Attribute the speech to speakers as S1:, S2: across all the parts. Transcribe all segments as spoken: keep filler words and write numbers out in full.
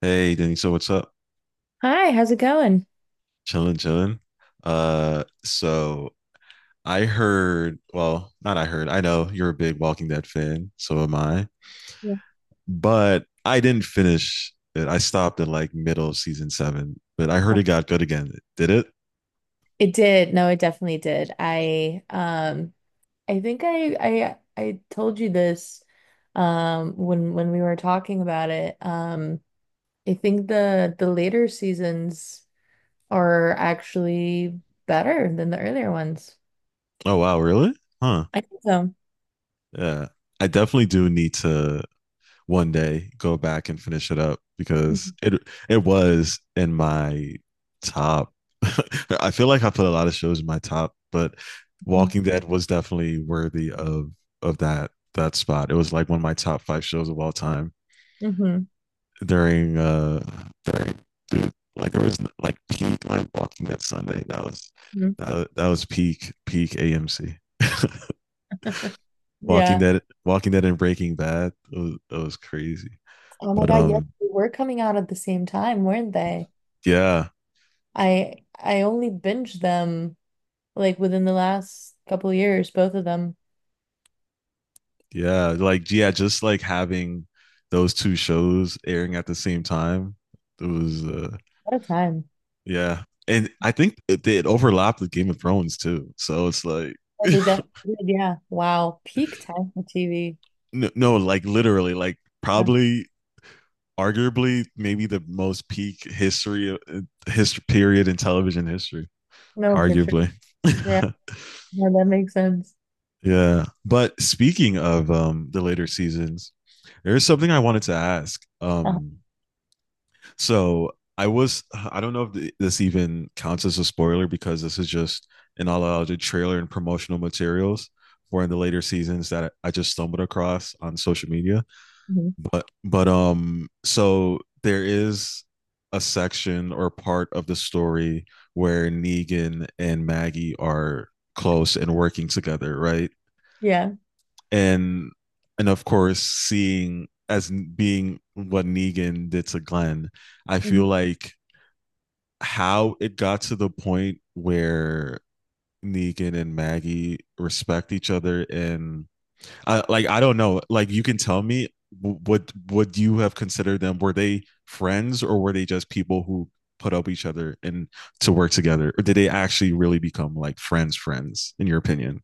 S1: Hey, Danny. So what's up?
S2: Hi, how's it going?
S1: Chilling, chilling. Uh, so I heard, well, not I heard, I know you're a big Walking Dead fan, so am I.
S2: Yeah.
S1: But I didn't finish it. I stopped at like middle of season seven, but I heard it got good again. Did it?
S2: It did. No, it definitely did. I um I think I I I told you this um when when we were talking about it. Um I think the the later seasons are actually better than the earlier ones.
S1: Oh wow, really? Huh.
S2: I think so.
S1: Yeah. I definitely do need to one day go back and finish it up because it it was in my top. I feel like I put a lot of shows in my top, but
S2: hmm
S1: Walking Dead was definitely worthy of of that that spot. It was like one of my top five shows of all time
S2: hmm
S1: during uh during dude, like there was like peak like Walking Dead Sunday. That was that, that was peak peak A M C. Walking
S2: Yeah.
S1: Dead Walking Dead and Breaking Bad. It was, it was crazy.
S2: Oh my
S1: But
S2: God, yes,
S1: um
S2: they were coming out at the same time, weren't they?
S1: yeah,
S2: I I only binged them like within the last couple years, both of them.
S1: yeah, like yeah, just like having those two shows airing at the same time. It was uh
S2: What a time.
S1: yeah. And I think it, it overlapped with Game of Thrones too. So it's like
S2: Oh, they definitely did. Yeah. Wow. Peak time for T V.
S1: no, no, like literally like
S2: Yeah.
S1: probably arguably maybe the most peak history history period in television history,
S2: No, for sure.
S1: arguably.
S2: Yeah. No, that makes sense.
S1: Yeah. But speaking of um the later seasons, there is something I wanted to ask.
S2: Uh,
S1: Um So I was, I don't know if this even counts as a spoiler because this is just an all unallocated trailer and promotional materials for in the later seasons that I just stumbled across on social media.
S2: mhm.
S1: But, but, um, so there is a section or part of the story where Negan and Maggie are close and working together, right?
S2: Yeah.
S1: And, and of course, seeing as being what Negan did to Glenn, I
S2: Mhm.
S1: feel like how it got to the point where Negan and Maggie respect each other and I, like I don't know. Like you can tell me w- would would you have considered them? Were they friends or were they just people who put up each other and to work together, or did they actually really become like friends? Friends, in your opinion?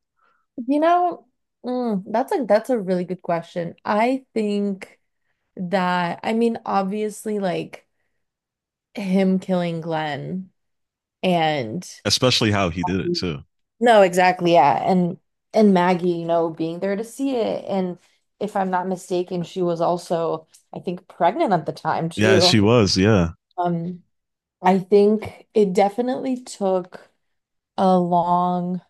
S2: You know, mm, that's a that's a really good question. I think that I mean, obviously, like him killing Glenn and
S1: Especially how he did
S2: mm-hmm,
S1: it too.
S2: no, exactly, yeah, and and Maggie, you know, being there to see it, and if I'm not mistaken, she was also, I think, pregnant at the time
S1: Yeah,
S2: too.
S1: she was. Yeah.
S2: Um, I think it definitely took a long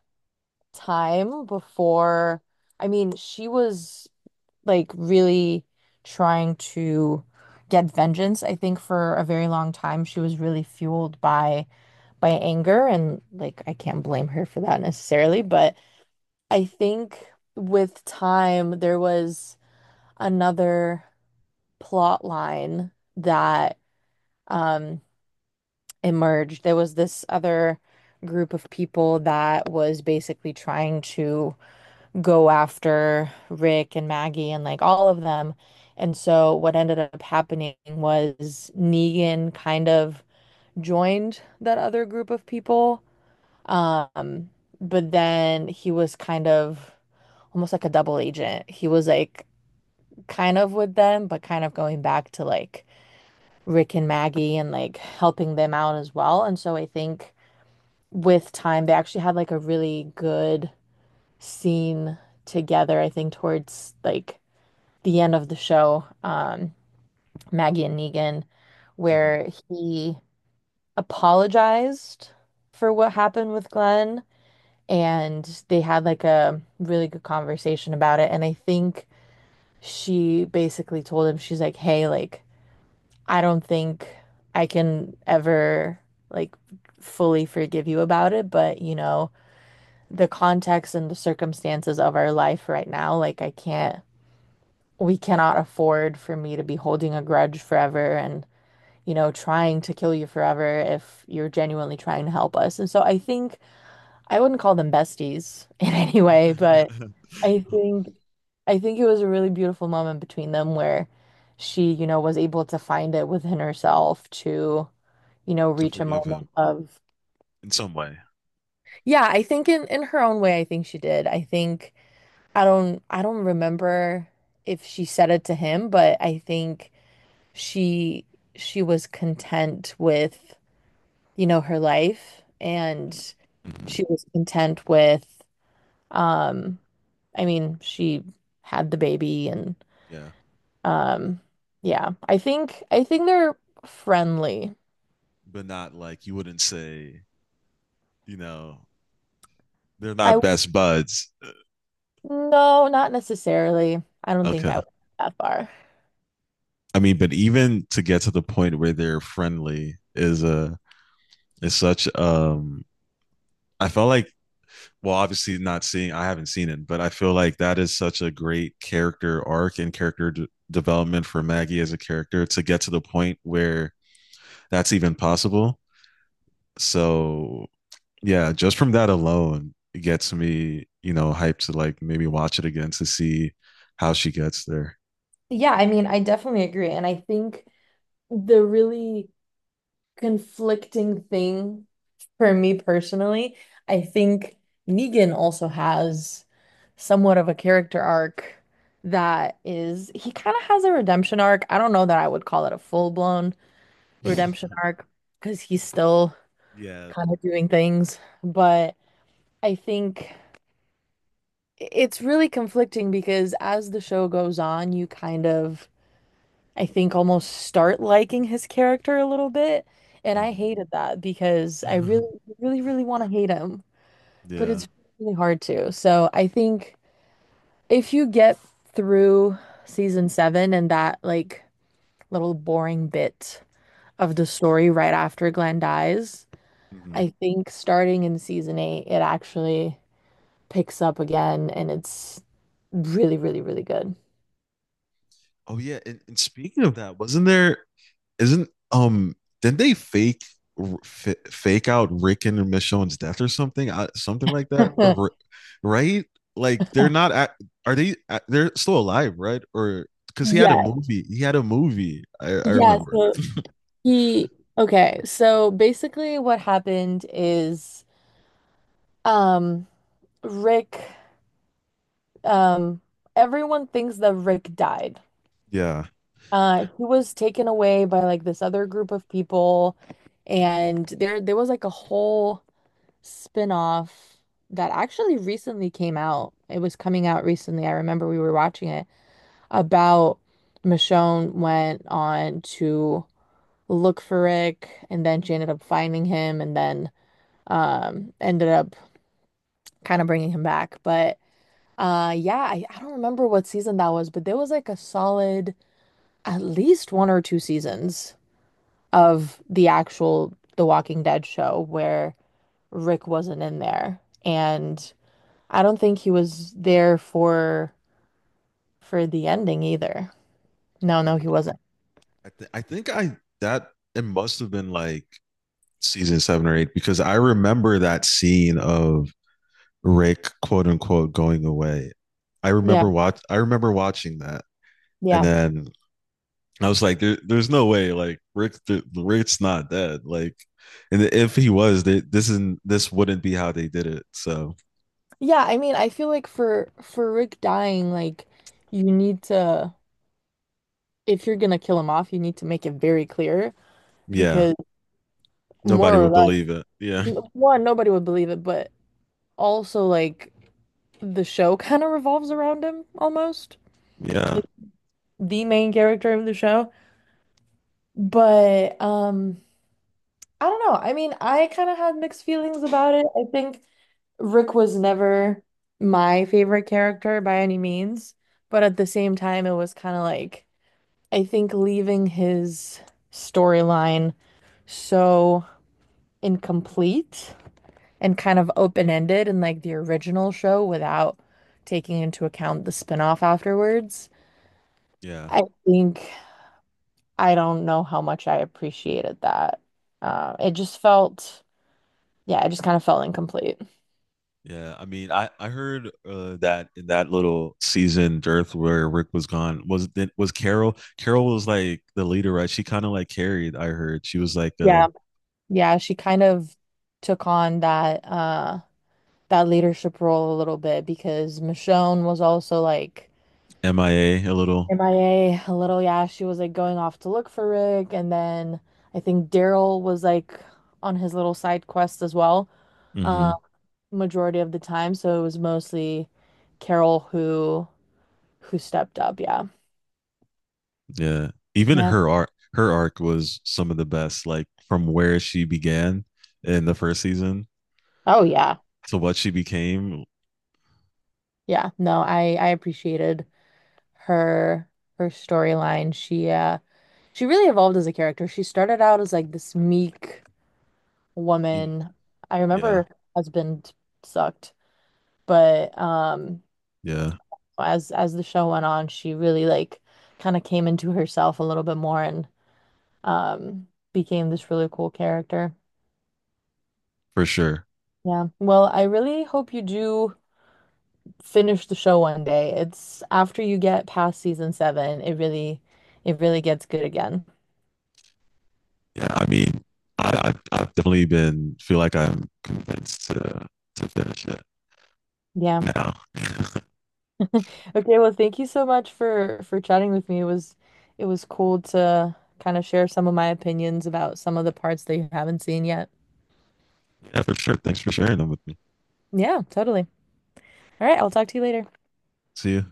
S2: time before. I mean, she was like really trying to get vengeance. I think for a very long time, she was really fueled by by anger, and like I can't blame her for that necessarily, but I think with time there was another plot line that um emerged. There was this other group of people that was basically trying to go after Rick and Maggie and like all of them. And so what ended up happening was Negan kind of joined that other group of people. Um, but then he was kind of almost like a double agent. He was like kind of with them, but kind of going back to like Rick and Maggie and like helping them out as well. And so I think with time, they actually had like a really good scene together, I think, towards like the end of the show, um, Maggie and Negan,
S1: Mhm.
S2: where he apologized for what happened with Glenn and they had like a really good conversation about it. And I think she basically told him, she's like, hey, like, I don't think I can ever like fully forgive you about it, but you know the context and the circumstances of our life right now, like I can't, we cannot afford for me to be holding a grudge forever and, you know, trying to kill you forever if you're genuinely trying to help us. And so I think I wouldn't call them besties in any way, but I think I think it was a really beautiful moment between them where she, you know, was able to find it within herself to, you know,
S1: To
S2: reach a
S1: forgive
S2: moment
S1: him
S2: of,
S1: in some way.
S2: yeah, I think in in her own way, I think she did. I think I don't I don't remember if she said it to him, but I think she she was content with, you know, her life and
S1: Mm-hmm.
S2: she was content with um I mean, she had the baby and
S1: Yeah,
S2: um yeah, I think I think they're friendly.
S1: but not like you wouldn't say, you know, they're
S2: I
S1: not best buds.
S2: No, not necessarily. I don't think
S1: Okay.
S2: I went that far.
S1: I mean, but even to get to the point where they're friendly is a is such um I felt like well obviously not seeing I haven't seen it, but I feel like that is such a great character arc and character d- development for Maggie as a character to get to the point where that's even possible. So yeah, just from that alone, it gets me, you know, hyped to like maybe watch it again to see how she gets there.
S2: Yeah, I mean, I definitely agree. And I think the really conflicting thing for me personally. I think Negan also has somewhat of a character arc that is, he kind of has a redemption arc. I don't know that I would call it a full-blown redemption arc because he's still
S1: Yeah.
S2: kind of doing things, but I think it's really conflicting because as the show goes on, you kind of I think almost start liking his character a little bit. And I
S1: Mhm.
S2: hated that because I really, really, really want to hate him, but
S1: Yeah.
S2: it's really hard to. So I think if you get through season seven and that like little boring bit of the story right after Glenn dies,
S1: Hmm.
S2: I think starting in season eight, it actually picks up again and it's really, really, really good.
S1: Oh yeah, and, and speaking of that, wasn't there isn't um didn't they fake r- f- fake out Rick and Michonne's death or something I, something like that or, right like they're not at? Are they act- they're still alive right or because he had a
S2: Yeah.
S1: movie he had a movie I, I
S2: Yeah.
S1: remember
S2: So He okay, so basically what happened is um Rick um everyone thinks that Rick died.
S1: yeah.
S2: Uh, he was taken away by like this other group of people and there there was like a whole spin-off that actually recently came out. It was coming out recently. I remember we were watching it about Michonne went on to look for Rick and then she ended up finding him and then um ended up kind of bringing him back. But uh yeah, I, I don't remember what season that was, but there was like a solid at least one or two seasons of the actual The Walking Dead show where Rick wasn't in there and I don't think he was there for for the ending either. No, no,
S1: um,
S2: he wasn't.
S1: I, th- I think I that it must have been like season seven or eight because I remember that scene of Rick quote unquote going away I
S2: yeah
S1: remember watch I remember watching that and
S2: yeah
S1: then I was like, there, there's no way, like Rick, the, Rick's not dead. Like, and if he was, they, this isn't, this wouldn't be how they did it. So
S2: yeah I mean, I feel like for for Rick dying, like you need to if you're gonna kill him off, you need to make it very clear
S1: yeah,
S2: because
S1: nobody
S2: more or
S1: would
S2: less.
S1: believe it. Yeah,
S2: N- One, nobody would believe it, but also like the show kind of revolves around him almost.
S1: yeah,
S2: Like the main character of the show. But um I don't know. I mean, I kind of had mixed feelings about it. I think Rick was never my favorite character by any means, but at the same time it was kind of like I think leaving his storyline so incomplete and kind of open-ended in like the original show without taking into account the spinoff afterwards.
S1: yeah,
S2: I think I don't know how much I appreciated that. Uh, it just felt, yeah, it just kind of felt incomplete.
S1: yeah. I mean, I I heard uh, that in that little season dearth where Rick was gone was was Carol. Carol was like the leader, right? She kind of like carried. I heard she was like uh
S2: Yeah. Yeah, she kind of took on that uh that leadership role a little bit because Michonne was also like
S1: MIA a a little.
S2: MIA a a little, yeah, she was like going off to look for Rick and then I think Daryl was like on his little side quest as well.
S1: Mm-hmm.
S2: uh, Majority of the time. So it was mostly Carol who who stepped up. Yeah.
S1: Yeah. Even
S2: Yeah.
S1: her arc her arc was some of the best, like from where she began in the first season
S2: Oh yeah.
S1: to what she became.
S2: Yeah. No, I I appreciated her her storyline. She uh she really evolved as a character. She started out as like this meek
S1: You-
S2: woman. I remember
S1: Yeah,
S2: her husband sucked, but um
S1: yeah,
S2: as as the show went on, she really like kind of came into herself a little bit more and um became this really cool character.
S1: for sure.
S2: Yeah. Well, I really hope you do finish the show one day. It's after you get past season seven, it really it really gets good again.
S1: Yeah, I mean, I, I've, I've definitely been feel like I'm convinced to to finish it
S2: Yeah.
S1: now.
S2: Okay, well, thank you so much for for chatting with me. It was it was cool to kind of share some of my opinions about some of the parts that you haven't seen yet.
S1: Yeah, for sure. Thanks for sharing them with me.
S2: Yeah, totally. All right, I'll talk to you later.
S1: See you.